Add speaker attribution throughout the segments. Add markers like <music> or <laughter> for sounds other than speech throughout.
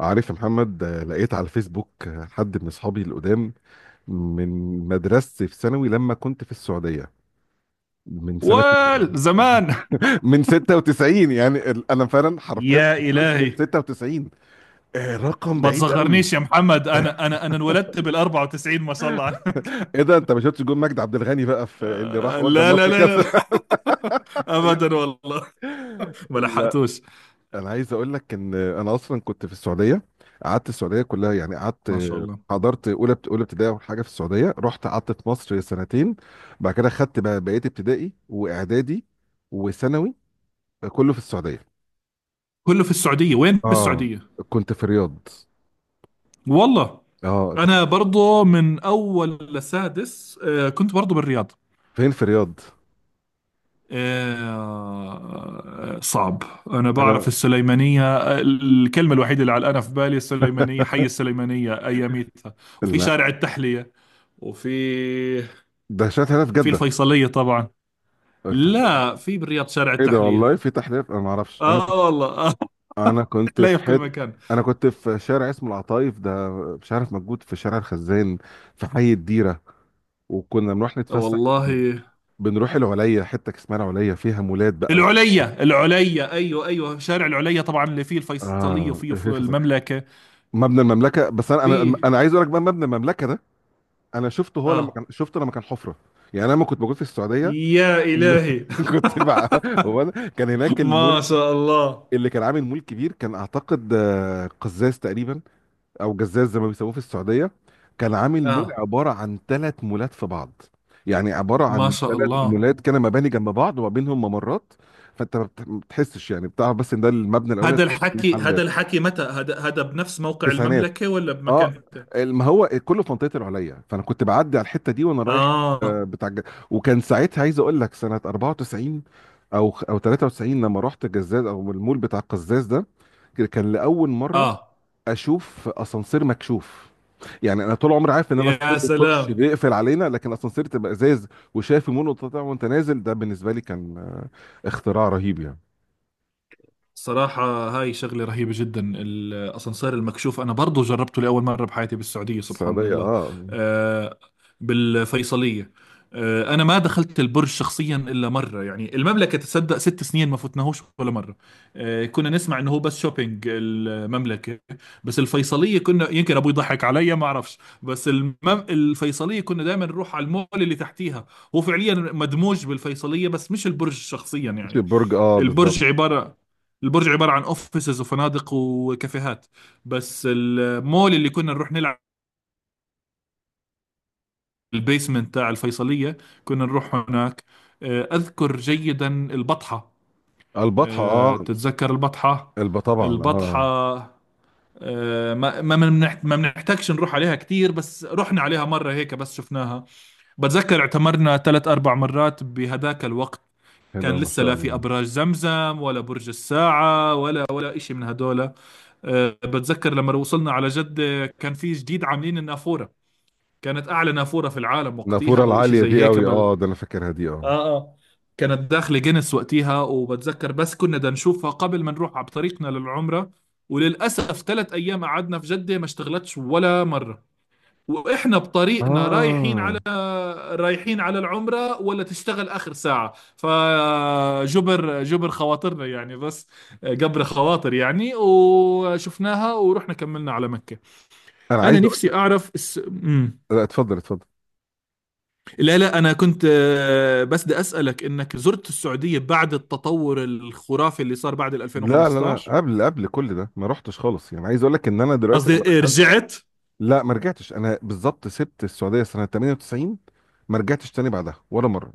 Speaker 1: عارف يا محمد، لقيت على الفيسبوك، حد من اصحابي القدام من مدرستي في ثانوي لما كنت في السعوديه من سنه <laughs>
Speaker 2: والزمان.
Speaker 1: من 96. يعني انا فعلا حرفيا ما
Speaker 2: يا
Speaker 1: شفتوش من
Speaker 2: إلهي،
Speaker 1: 96. رقم
Speaker 2: ما
Speaker 1: بعيد قوي.
Speaker 2: تصغرنيش يا محمد. أنا انولدت بال 94، ما شاء الله عنك.
Speaker 1: ايه ده، انت ما شفتش جون مجدي عبد الغني بقى في اللي راح
Speaker 2: آه،
Speaker 1: ودى
Speaker 2: لا لا
Speaker 1: مصر
Speaker 2: لا لا,
Speaker 1: كذا؟
Speaker 2: لا. <laughs> أبدا
Speaker 1: <laughs>
Speaker 2: والله، ما
Speaker 1: لا،
Speaker 2: لحقتوش.
Speaker 1: انا عايز اقول لك ان انا اصلا كنت في السعوديه، قعدت السعوديه كلها. يعني قعدت،
Speaker 2: ما شاء الله.
Speaker 1: حضرت اولى اولى ابتدائي اول حاجه في السعوديه، رحت قعدت في مصر سنتين. بعد كده خدت بقى بقيه ابتدائي واعدادي وثانوي كله في السعوديه.
Speaker 2: كله في السعودية، وين في
Speaker 1: اه،
Speaker 2: السعودية؟
Speaker 1: كنت في الرياض.
Speaker 2: والله
Speaker 1: اه، انت كنت
Speaker 2: أنا برضو من أول لسادس، كنت برضو بالرياض.
Speaker 1: فين في الرياض؟
Speaker 2: صعب. أنا
Speaker 1: انا
Speaker 2: بعرف السليمانية، الكلمة الوحيدة اللي علقانة في بالي السليمانية، حي
Speaker 1: <laughs>
Speaker 2: السليمانية أياميتها. وفي
Speaker 1: لا،
Speaker 2: شارع التحلية، وفي
Speaker 1: ده شات هنا في
Speaker 2: في
Speaker 1: جده. <laughs>
Speaker 2: الفيصلية طبعا.
Speaker 1: الف-
Speaker 2: لا، في بالرياض شارع
Speaker 1: ايه ده،
Speaker 2: التحلية.
Speaker 1: والله في تحليل انا ما اعرفش. انا
Speaker 2: آه والله، آه. <laughs>
Speaker 1: انا كنت
Speaker 2: تحلية
Speaker 1: في
Speaker 2: في كل
Speaker 1: حته،
Speaker 2: مكان.
Speaker 1: انا كنت في شارع اسمه العطايف ده، مش عارف موجود، في شارع الخزان في حي الديره. وكنا بنروح نتفسح،
Speaker 2: والله،
Speaker 1: بنروح العليا، حته اسمها العليا فيها مولات بقى
Speaker 2: العليا العليا، أيوه أيوه، شارع العليا طبعا اللي فيه الفيصلية
Speaker 1: اه،
Speaker 2: وفيه في
Speaker 1: الحفظ،
Speaker 2: المملكة.
Speaker 1: مبنى المملكه. بس انا انا
Speaker 2: فيه.
Speaker 1: انا عايز اقول لك بقى مبنى المملكه ده، انا شفته هو لما
Speaker 2: آه.
Speaker 1: كان، شفته لما كان حفره. يعني انا لما كنت موجود في السعوديه
Speaker 2: يا إلهي.
Speaker 1: <laughs> كنت بقى. كان هناك
Speaker 2: <laughs> ما
Speaker 1: المول
Speaker 2: شاء الله.
Speaker 1: اللي كان عامل مول كبير، كان اعتقد قزاز تقريبا، او جزاز زي ما بيسموه في السعوديه. كان عامل مول
Speaker 2: آه.
Speaker 1: عباره عن ثلاث مولات في بعض. يعني عباره
Speaker 2: ما
Speaker 1: عن
Speaker 2: شاء
Speaker 1: ثلاث
Speaker 2: الله.
Speaker 1: مولات كده، مباني جنب بعض، وما بينهم ممرات. فانت ما بتحسش، يعني بتعرف بس ان ده المبنى الاولاني،
Speaker 2: هذا الحكي هذا
Speaker 1: محلات.
Speaker 2: الحكي متى هذا بنفس موقع
Speaker 1: تسعينات،
Speaker 2: المملكة ولا
Speaker 1: اه.
Speaker 2: بمكان ثاني؟
Speaker 1: ما هو كله في منطقه العليا، فانا كنت بعدي على الحته دي وانا رايح، آه،
Speaker 2: آه
Speaker 1: بتاع الج- وكان ساعتها عايز اقول لك سنه 94 او 93، لما رحت جزاز او المول بتاع القزاز ده. كان لاول مره
Speaker 2: آه.
Speaker 1: اشوف اسانسير مكشوف. يعني انا طول عمري عارف ان الاسانسير
Speaker 2: يا
Speaker 1: بيخش
Speaker 2: سلام.
Speaker 1: بيقفل علينا، لكن اسانسير تبقى ازاز، وشايف المول وتطلع وانت نازل، ده بالنسبه لي كان اختراع رهيب يعني.
Speaker 2: صراحة هاي شغلة رهيبة جدا، الأسانسير المكشوف. أنا برضو جربته لأول مرة بحياتي بالسعودية، سبحان
Speaker 1: السعوديه،
Speaker 2: الله.
Speaker 1: اه.
Speaker 2: آه، بالفيصلية. أنا ما دخلت البرج شخصيا إلا مرة، يعني المملكة تصدق ست سنين ما فتناهوش ولا مرة. كنا نسمع إنه هو بس شوبينج المملكة. بس الفيصلية كنا يمكن أبوي يضحك علي، ما أعرفش. بس المم... الفيصلية كنا دائما نروح على المول اللي تحتيها. هو فعليا مدموج بالفيصلية، بس مش البرج شخصيا
Speaker 1: مش
Speaker 2: يعني.
Speaker 1: البرج، اه، بالظبط.
Speaker 2: البرج عبارة البرج عبارة عن اوفيسز وفنادق وكافيهات. بس المول اللي كنا نروح نلعب، البيسمنت تاع الفيصلية، كنا نروح هناك. أذكر جيدا البطحة.
Speaker 1: البطحه، اه.
Speaker 2: تتذكر البطحة؟
Speaker 1: الب، طبعا،
Speaker 2: البطحة.
Speaker 1: اه.
Speaker 2: ما بنحتاجش نروح عليها كتير، بس رحنا عليها مرة هيك بس شفناها. بتذكر اعتمرنا ثلاث أربع مرات بهداك الوقت.
Speaker 1: حلوه
Speaker 2: كان
Speaker 1: ما
Speaker 2: لسه
Speaker 1: شاء
Speaker 2: لا في
Speaker 1: الله.
Speaker 2: أبراج زمزم ولا برج الساعة ولا إشي من هدول. بتذكر لما وصلنا على جدة كان في جديد عاملين النافورة، كانت أعلى نافورة في العالم وقتها
Speaker 1: النافوره
Speaker 2: أو إشي
Speaker 1: العاليه
Speaker 2: زي
Speaker 1: دي
Speaker 2: هيك
Speaker 1: قوي،
Speaker 2: بل.
Speaker 1: اه، ده انا فاكرها دي، اه،
Speaker 2: اه اه. كانت داخلة جينيس وقتها، وبتذكر بس كنا بدنا نشوفها قبل ما نروح على طريقنا للعمرة. وللأسف ثلاث أيام قعدنا في جدة ما اشتغلتش ولا مرة، واحنا بطريقنا
Speaker 1: اه.
Speaker 2: رايحين على العمرة، ولا تشتغل اخر ساعة. فجبر، جبر خواطرنا يعني، بس جبر خواطر يعني، وشفناها ورحنا كملنا على مكة.
Speaker 1: انا
Speaker 2: انا
Speaker 1: عايز اقول
Speaker 2: نفسي
Speaker 1: لك،
Speaker 2: اعرف الس... مم.
Speaker 1: لا اتفضل اتفضل.
Speaker 2: لا لا، انا كنت، بس بدي اسالك، انك زرت السعودية بعد التطور الخرافي اللي صار بعد ال
Speaker 1: لا،
Speaker 2: 2015؟
Speaker 1: قبل، قبل كل ده ما رحتش خالص. يعني عايز اقول لك ان انا دلوقتي،
Speaker 2: قصدي إيه، رجعت؟
Speaker 1: لا ما رجعتش، انا بالظبط سبت السعوديه سنه 98، ما رجعتش تاني بعدها ولا مره.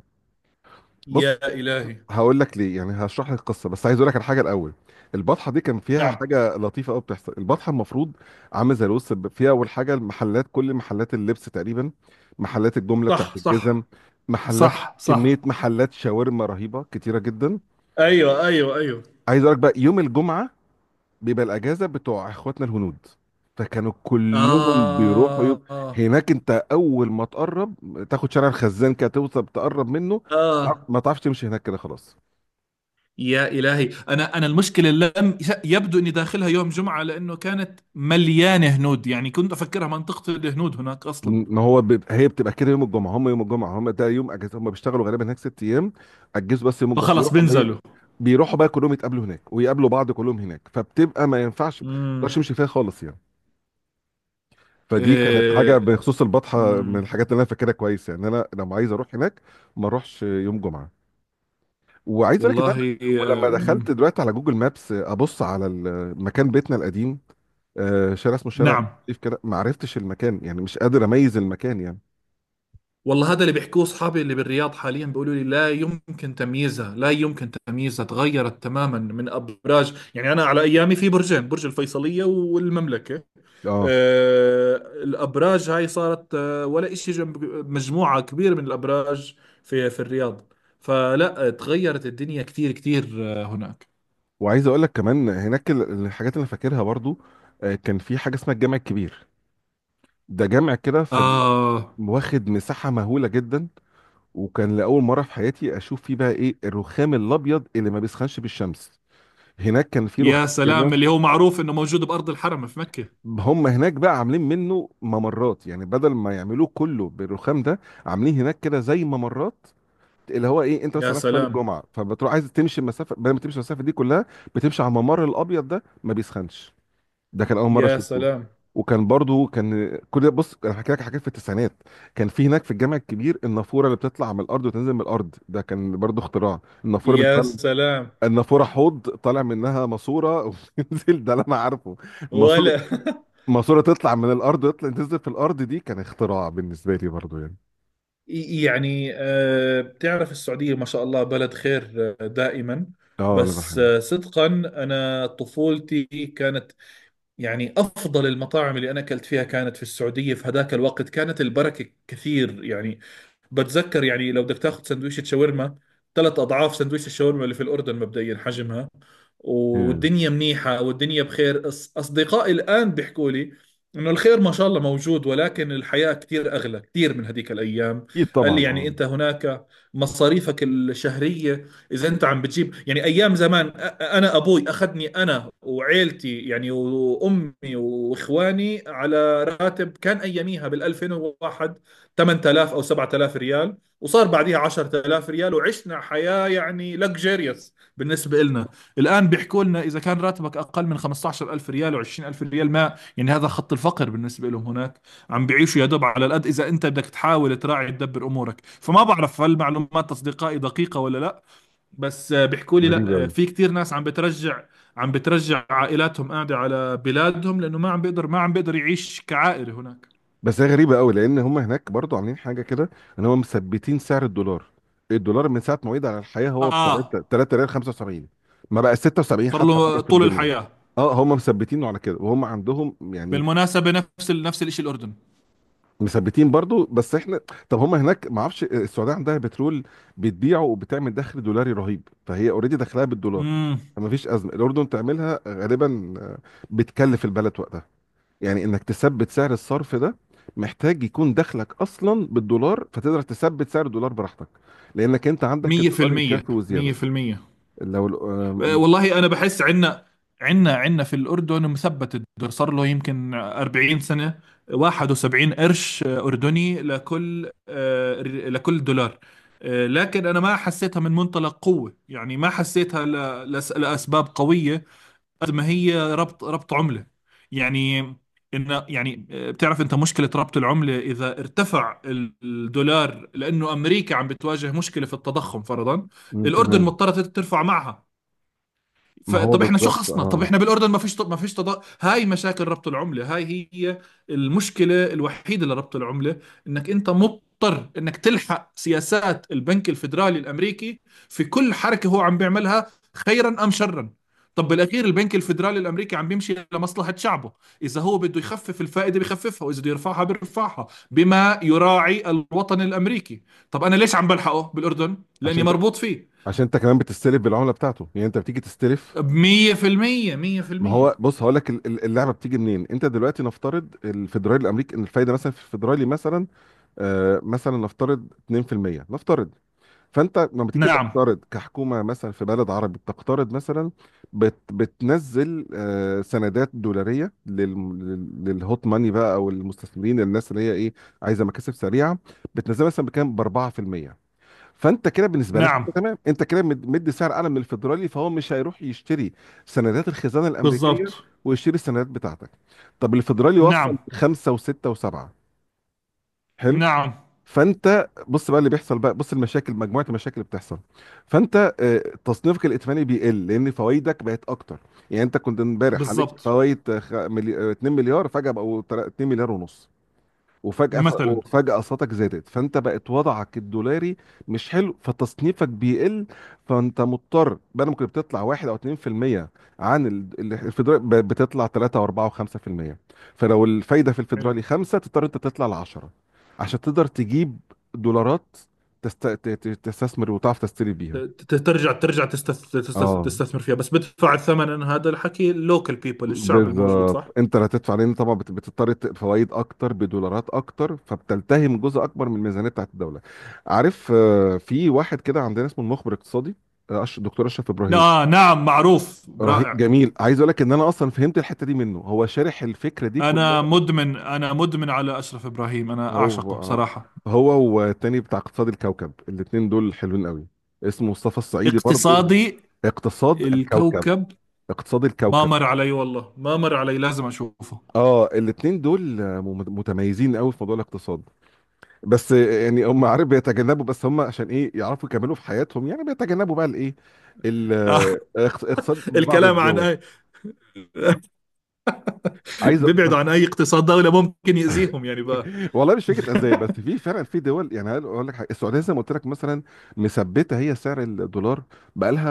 Speaker 1: بص،
Speaker 2: يا إلهي.
Speaker 1: هقول لك ليه، يعني هشرح لك القصه، بس عايز اقول لك على حاجه الاول. البطحه دي كان فيها
Speaker 2: نعم.
Speaker 1: حاجه لطيفه قوي بتحصل. البطحه المفروض عامله زي الوسط، فيها اول حاجه المحلات، كل محلات اللبس تقريبا، محلات الجمله بتاعت
Speaker 2: صح
Speaker 1: الجزم،
Speaker 2: صح
Speaker 1: محلات،
Speaker 2: صح صح.
Speaker 1: كميه محلات شاورما رهيبه كتيره جدا.
Speaker 2: ايوه ايوه ايوه.
Speaker 1: عايز اقول لك بقى يوم الجمعه بيبقى الاجازه بتوع اخواتنا الهنود، فكانوا كلهم بيروحوا
Speaker 2: آه آه.
Speaker 1: هناك. انت اول ما تقرب، تاخد شارع الخزان كده توصل تقرب منه،
Speaker 2: آه.
Speaker 1: ما تعرفش تمشي هناك كده خلاص.
Speaker 2: يا إلهي. أنا المشكلة لم يبدو إني داخلها يوم جمعة، لأنه كانت مليانة هنود، يعني كنت أفكرها منطقة الهنود هناك أصلا.
Speaker 1: ما هو بيب... هي بتبقى كده يوم الجمعه. هم يوم الجمعه ده يوم اجازه، هم بيشتغلوا غالبا هناك ست ايام، اجازوا بس يوم الجمعه،
Speaker 2: فخلص
Speaker 1: بيروحوا بقى،
Speaker 2: بنزلوا.
Speaker 1: بيروحوا بقى كلهم يتقابلوا هناك ويقابلوا بعض كلهم هناك. فبتبقى ما ينفعش، ما تقدرش
Speaker 2: امم
Speaker 1: تمشي فيها خالص يعني. فدي كانت حاجه
Speaker 2: إيه.
Speaker 1: بخصوص البطحه من
Speaker 2: امم
Speaker 1: الحاجات اللي انا فاكرها كويس. يعني انا لما عايز اروح هناك ما اروحش يوم جمعه. وعايز اقول لك ان انا،
Speaker 2: والله.
Speaker 1: ولما دخلت دلوقتي على جوجل مابس ابص على مكان بيتنا القديم، شارع اسمه شارع
Speaker 2: نعم.
Speaker 1: لطيف كده، ما عرفتش المكان، يعني مش قادر اميز المكان يعني،
Speaker 2: والله هذا اللي بيحكوه أصحابي اللي بالرياض حاليا، بيقولوا لي لا يمكن تمييزها، لا يمكن تمييزها، تغيرت تماما من أبراج. يعني أنا على أيامي في برجين، برج الفيصلية والمملكة.
Speaker 1: اه.
Speaker 2: الأبراج هاي صارت، ولا إشي جنب مجموعة كبيرة من الأبراج في الرياض. فلا، تغيرت الدنيا كثير كثير. هناك.
Speaker 1: وعايز اقول لك كمان هناك الحاجات اللي فاكرها برضو، كان في حاجه اسمها الجامع الكبير. ده جامع كده في
Speaker 2: آه.
Speaker 1: واخد مساحه مهوله جدا. وكان لاول مره في حياتي اشوف فيه بقى ايه الرخام الابيض اللي ما بيسخنش بالشمس. هناك كان في
Speaker 2: يا
Speaker 1: رخام
Speaker 2: سلام،
Speaker 1: كده،
Speaker 2: اللي هو معروف إنه موجود بأرض الحرم في مكة.
Speaker 1: هم هناك بقى عاملين منه ممرات. يعني بدل ما يعملوه كله بالرخام ده، عاملين هناك كده زي ممرات، اللي هو ايه، انت
Speaker 2: يا
Speaker 1: مثلا رايح صلاه
Speaker 2: سلام.
Speaker 1: الجمعه فبتروح عايز تمشي المسافه، بدل ما تمشي المسافه دي كلها، بتمشي على الممر الابيض ده ما بيسخنش. ده كان اول مره
Speaker 2: يا
Speaker 1: اشوفه.
Speaker 2: سلام.
Speaker 1: وكان برضو كل ده، بص انا حكيت لك حاجات في التسعينات. كان في هناك في الجامع الكبير النافوره اللي بتطلع من الارض وتنزل من الارض. ده كان برضو اختراع، النافوره
Speaker 2: يا
Speaker 1: بالنسبه لنا.
Speaker 2: سلام.
Speaker 1: النافوره حوض طالع منها ماسوره <laughs> وبتنزل، ده اللي انا عارفه، ماسوره.
Speaker 2: ولا <laughs>
Speaker 1: ماسورة تطلع من الأرض، تطلع تنزل في الأرض، دي كان اختراع بالنسبة لي برضو يعني.
Speaker 2: يعني بتعرف السعودية ما شاء الله بلد خير. دائما.
Speaker 1: اه، أنا
Speaker 2: بس
Speaker 1: بحب.
Speaker 2: صدقا، أنا طفولتي كانت، يعني أفضل المطاعم اللي أنا أكلت فيها كانت في السعودية، في هذاك الوقت كانت البركة كثير يعني. بتذكر يعني لو بدك تاخذ سندويشة شاورما، ثلاث اضعاف سندويشة الشاورما اللي في الاردن مبدئيا حجمها.
Speaker 1: yeah.
Speaker 2: والدنيا منيحة والدنيا بخير. اصدقائي الان بيحكوا لي انه الخير ما شاء الله موجود، ولكن الحياة كثير اغلى كثير من هذيك الايام.
Speaker 1: أكيد
Speaker 2: قال
Speaker 1: طبعا
Speaker 2: لي يعني
Speaker 1: اه.
Speaker 2: انت هناك، مصاريفك الشهرية اذا انت عم بتجيب يعني ايام زمان. انا ابوي اخذني انا وعيلتي يعني، وامي واخواني، على راتب كان اياميها بال2001، 8000 او 7000 ريال، وصار بعديها 10000 ريال، وعشنا حياه يعني لكجيريوس بالنسبه لنا. الان بيحكوا لنا اذا كان راتبك اقل من 15000 ريال و20000 ريال، ما يعني هذا خط الفقر بالنسبه لهم هناك. عم بيعيشوا يا دوب على القد، اذا انت بدك تحاول تراعي تدبر امورك. فما بعرف هل معلومات اصدقائي دقيقه ولا لا، بس بيحكوا لي
Speaker 1: غريبة
Speaker 2: لا،
Speaker 1: أوي.
Speaker 2: في كتير ناس عم بترجع، عائلاتهم قاعده على بلادهم، لانه ما عم بيقدر، يعيش كعائله هناك.
Speaker 1: بس هي غريبة أوي لأن هم هناك برضو عاملين حاجة كده، إن هم مثبتين سعر الدولار. الدولار من ساعة ما وعد على الحياة هو ب
Speaker 2: اه،
Speaker 1: 3 ريال 75، ما بقى 76
Speaker 2: صار له
Speaker 1: حتى مرة في
Speaker 2: طول
Speaker 1: الدنيا.
Speaker 2: الحياه.
Speaker 1: اه، هم مثبتينه على كده، وهم عندهم يعني،
Speaker 2: بالمناسبه نفس الشيء الاردن.
Speaker 1: مثبتين برضو. بس احنا، طب هم هناك، ما اعرفش، السعوديه عندها بترول بتبيعه، وبتعمل دخل دولاري رهيب، فهي اوريدي دخلها بالدولار،
Speaker 2: امم
Speaker 1: فما فيش ازمه. الاردن تعملها غالبا بتكلف البلد وقتها. يعني انك تثبت سعر الصرف ده، محتاج يكون دخلك اصلا بالدولار، فتقدر تثبت سعر الدولار براحتك، لانك انت عندك الدولار
Speaker 2: 100%
Speaker 1: يكفي وزياده.
Speaker 2: 100%.
Speaker 1: لو ال- آه،
Speaker 2: والله انا بحس عندنا، عندنا في الاردن مثبت الدولار صار له يمكن 40 سنه، 71 قرش اردني لكل لكل دولار. لكن انا ما حسيتها من منطلق قوه، يعني ما حسيتها لاسباب قويه، قد ما هي ربط عملة يعني. إن يعني بتعرف أنت مشكلة ربط العملة، إذا ارتفع الدولار لأنه أمريكا عم بتواجه مشكلة في التضخم فرضا،
Speaker 1: م-
Speaker 2: الأردن
Speaker 1: تمام.
Speaker 2: مضطرة ترفع معها.
Speaker 1: ما هو
Speaker 2: فطب احنا شو
Speaker 1: بالظبط،
Speaker 2: خصنا؟ طب
Speaker 1: اه.
Speaker 2: احنا بالاردن ما فيش، تضاد، هاي مشاكل ربط العمله هاي هي. المشكله الوحيده لربط العمله انك انت مضطر انك تلحق سياسات البنك الفيدرالي الامريكي في كل حركه هو عم بيعملها، خيرا ام شرا. طب بالاخير البنك الفيدرالي الامريكي عم بيمشي لمصلحه شعبه. اذا هو بده يخفف الفائده بخففها، واذا بده يرفعها بيرفعها، بما يراعي الوطن الامريكي. طب انا ليش عم بلحقه بالاردن؟ لاني
Speaker 1: عشان ت...
Speaker 2: مربوط فيه.
Speaker 1: عشان انت كمان بتستلف بالعمله بتاعته، يعني انت بتيجي تستلف.
Speaker 2: 100%
Speaker 1: ما
Speaker 2: 100%.
Speaker 1: هو بص، هقول لك اللعبه بتيجي منين. انت دلوقتي نفترض الفيدرالي الامريكي ان الفايده مثلا في الفيدرالي مثلا، مثلا نفترض 2%، نفترض. فانت لما تيجي
Speaker 2: نعم
Speaker 1: تقترض كحكومه مثلا في بلد عربي، بتقترض مثلا، بتنزل سندات دولاريه للهوت ماني بقى او المستثمرين، الناس اللي هي ايه، عايزه مكاسب سريعه. بتنزلها مثلا بكام، ب 4%. فانت كده بالنسبه لك
Speaker 2: نعم
Speaker 1: انت تمام، انت كده مدي سعر اعلى من الفيدرالي، فهو مش هيروح يشتري سندات الخزانه الامريكيه،
Speaker 2: بالضبط.
Speaker 1: ويشتري السندات بتاعتك. طب الفيدرالي وصل
Speaker 2: نعم
Speaker 1: خمسه وسته وسبعه. حلو.
Speaker 2: نعم
Speaker 1: فانت بص بقى اللي بيحصل، بقى بص المشاكل، مجموعه المشاكل اللي بتحصل. فانت، تصنيفك الائتماني بيقل، لان فوائدك بقت اكتر. يعني انت كنت امبارح عليك
Speaker 2: بالضبط.
Speaker 1: فوائد 2 مليار، فجاه بقوا 2 مليار ونص.
Speaker 2: مثلا.
Speaker 1: وفجأة أسعارك زادت، فأنت بقت وضعك الدولاري مش حلو، فتصنيفك بيقل. فأنت مضطر بدل ما كنت بتطلع 1 أو 2% عن الفيدرالي، بتطلع 3 و4 و5%. فلو الفايدة في
Speaker 2: حلو.
Speaker 1: الفيدرالي 5، تضطر أنت تطلع ل 10 عشان تقدر تجيب دولارات، تستثمر وتعرف تشتري بيها.
Speaker 2: ترجع
Speaker 1: اه،
Speaker 2: تستثمر فيها، بس بدفع الثمن، هذا الحكي اللوكل بيبل، الشعب الموجود،
Speaker 1: بالظبط
Speaker 2: صح؟
Speaker 1: انت اللي هتدفع، لان طبعا بتضطر فوائد اكتر بدولارات اكتر، فبتلتهم جزء اكبر من الميزانيه بتاعت الدوله. عارف، في واحد كده عندنا اسمه المخبر الاقتصادي، دكتور اشرف ابراهيم.
Speaker 2: آه نعم، معروف،
Speaker 1: رهيب
Speaker 2: رائع.
Speaker 1: جميل، عايز اقول لك ان انا اصلا فهمت الحته دي منه، هو شارح الفكره دي كلها.
Speaker 2: أنا مدمن، أنا مدمن على أشرف إبراهيم، أنا
Speaker 1: هو
Speaker 2: أعشقه
Speaker 1: آه،
Speaker 2: صراحة.
Speaker 1: هو والتاني بتاع اقتصاد الكوكب، الاتنين دول حلوين قوي. اسمه مصطفى الصعيدي برضو.
Speaker 2: اقتصادي
Speaker 1: اقتصاد الكوكب.
Speaker 2: الكوكب.
Speaker 1: اقتصاد
Speaker 2: ما
Speaker 1: الكوكب.
Speaker 2: مر علي والله، ما مر علي، لازم أشوفه <laughs>
Speaker 1: اه الاتنين دول، متميزين قوي في موضوع الاقتصاد. بس يعني هم، عارف، بيتجنبوا. بس هم عشان ايه يعرفوا يكملوا في حياتهم، يعني بيتجنبوا بقى الايه، ال- اقتصاد بعض
Speaker 2: الكلام عن
Speaker 1: الدول.
Speaker 2: اي؟
Speaker 1: عايز أ- بس-
Speaker 2: بيبعدوا عن اي اقتصاد دولة ممكن يأذيهم يعني بقى.
Speaker 1: <laughs> والله مش فكره ازاي. بس في فعلا في دول. يعني هقول أقول لك حاجه، السعوديه زي ما قلت لك مثلا، مثبته هي سعر الدولار بقى لها،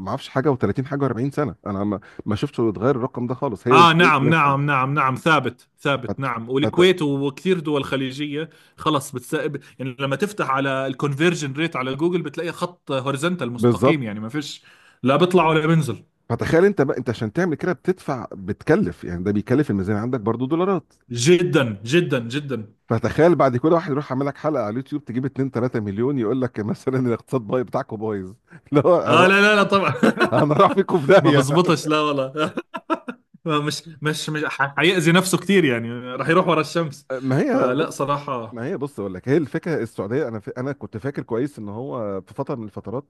Speaker 1: ما اعرفش، حاجه و30 حاجه و40 سنه، انا ما، ما شفتش يتغير الرقم ده خالص. هي
Speaker 2: اه
Speaker 1: والكويت
Speaker 2: نعم
Speaker 1: مثلا.
Speaker 2: نعم نعم نعم، ثابت ثابت،
Speaker 1: فت...
Speaker 2: نعم،
Speaker 1: فت...
Speaker 2: والكويت وكثير دول خليجيه. يعني لما تفتح على الكونفرجن ريت على جوجل بتلاقي خط هوريزونتال
Speaker 1: بالظبط.
Speaker 2: مستقيم، يعني ما فيش، لا بيطلع ولا بينزل.
Speaker 1: فتخيل انت بقى، انت عشان تعمل كده بتدفع، بتكلف، يعني ده بيكلف الميزانيه عندك برضو دولارات.
Speaker 2: جدا جدا جدا.
Speaker 1: فتخيل بعد، كل واحد يروح عامل لك حلقه على اليوتيوب تجيب 2 3 مليون، يقول لك مثلا الاقتصاد بايظ بتاعكم بايظ. <laughs> اللي هو
Speaker 2: اه
Speaker 1: أنا،
Speaker 2: لا لا لا طبعا <laughs>
Speaker 1: انا راح فيكم في
Speaker 2: ما
Speaker 1: داهيه.
Speaker 2: بزبطش، لا والله. <laughs> ما مش مش مش ح- حيأذي نفسه كثير، يعني راح يروح ورا الشمس.
Speaker 1: ما هي
Speaker 2: فلا
Speaker 1: بص
Speaker 2: صراحه.
Speaker 1: ما هي بص اقول لك هي الفكره. السعوديه، انا كنت فاكر كويس ان هو في فتره من الفترات،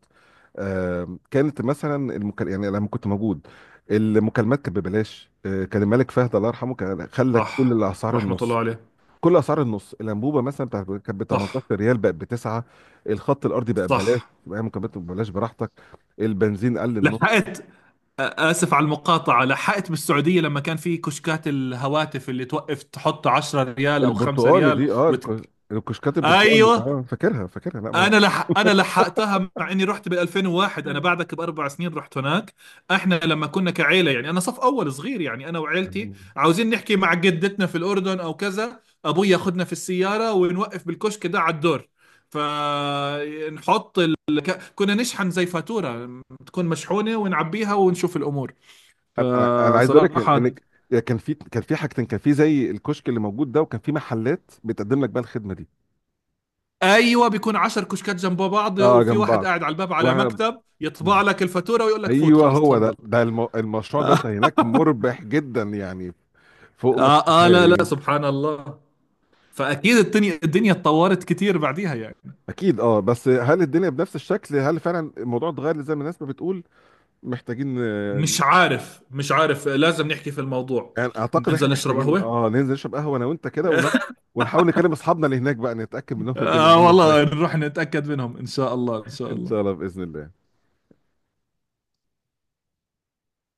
Speaker 1: كانت مثلا يعني لما كنت موجود، المكالمات كانت ببلاش. كان الملك فهد الله يرحمه، كان خلى كل
Speaker 2: صح،
Speaker 1: الاسعار
Speaker 2: رحمه
Speaker 1: النص.
Speaker 2: الله عليه.
Speaker 1: كل اسعار النص، الانبوبه مثلا بتاعت كانت ب 18
Speaker 2: صح
Speaker 1: ريال بقت بتسعه. الخط الارضي بقى ببلاش،
Speaker 2: صح.
Speaker 1: بقى مكملات ببلاش براحتك. البنزين قل النص.
Speaker 2: لحقت، آسف على المقاطعة، لحقت بالسعودية لما كان في كشكات الهواتف اللي توقف تحط 10 ريال أو 5
Speaker 1: البرتقان
Speaker 2: ريال
Speaker 1: دي، اه، الكشكات البرتقان،
Speaker 2: أيوه.
Speaker 1: اه، فاكرها فاكرها، لا ما،
Speaker 2: أنا لحقتها، مع إني رحت بال 2001، أنا بعدك بأربع سنين رحت هناك. إحنا لما كنا كعيلة يعني، أنا صف أول صغير يعني، أنا وعيلتي
Speaker 1: انا
Speaker 2: عاوزين نحكي مع جدتنا في الأردن أو كذا، أبوي ياخدنا في السيارة ونوقف بالكشك ده على الدور. فنحط ال... كنا نشحن زي فاتورة تكون مشحونة، ونعبيها ونشوف الأمور،
Speaker 1: انا أنا عايز اقول لك
Speaker 2: فصراحة.
Speaker 1: ان، إن كان في، كان في حاجتين، كان في زي الكشك اللي موجود ده، وكان في محلات بتقدم لك بقى الخدمه دي.
Speaker 2: ايوه بيكون عشر كشكات جنب بعض،
Speaker 1: اه،
Speaker 2: وفي
Speaker 1: جنب
Speaker 2: واحد
Speaker 1: بعض
Speaker 2: قاعد على الباب على
Speaker 1: واحنا،
Speaker 2: مكتب يطبع لك الفاتورة ويقول لك فوت،
Speaker 1: ايوه
Speaker 2: خلاص،
Speaker 1: هو
Speaker 2: اتفضل
Speaker 1: ده، ده
Speaker 2: <laughs>
Speaker 1: المشروع ده
Speaker 2: آه,
Speaker 1: هناك مربح جدا يعني، فوق ما
Speaker 2: اه اه،
Speaker 1: تتخيل
Speaker 2: لا لا،
Speaker 1: يعني.
Speaker 2: سبحان الله. فاكيد الدنيا اتطورت كتير بعديها يعني.
Speaker 1: اكيد اه. بس هل الدنيا بنفس الشكل؟ هل فعلا الموضوع اتغير زي ما الناس ما بتقول؟ محتاجين،
Speaker 2: مش عارف، مش عارف، لازم نحكي في الموضوع،
Speaker 1: يعني اعتقد احنا
Speaker 2: ننزل نشرب
Speaker 1: محتاجين
Speaker 2: قهوة
Speaker 1: اه، ننزل نشرب قهوه انا وانت كده ونقعد،
Speaker 2: <laughs>
Speaker 1: ونحاول نكلم اصحابنا اللي هناك بقى نتاكد منهم الدنيا
Speaker 2: آه
Speaker 1: عامله ازاي.
Speaker 2: والله، نروح نتأكد منهم إن شاء الله إن
Speaker 1: <laughs>
Speaker 2: شاء
Speaker 1: ان شاء الله
Speaker 2: الله.
Speaker 1: باذن الله.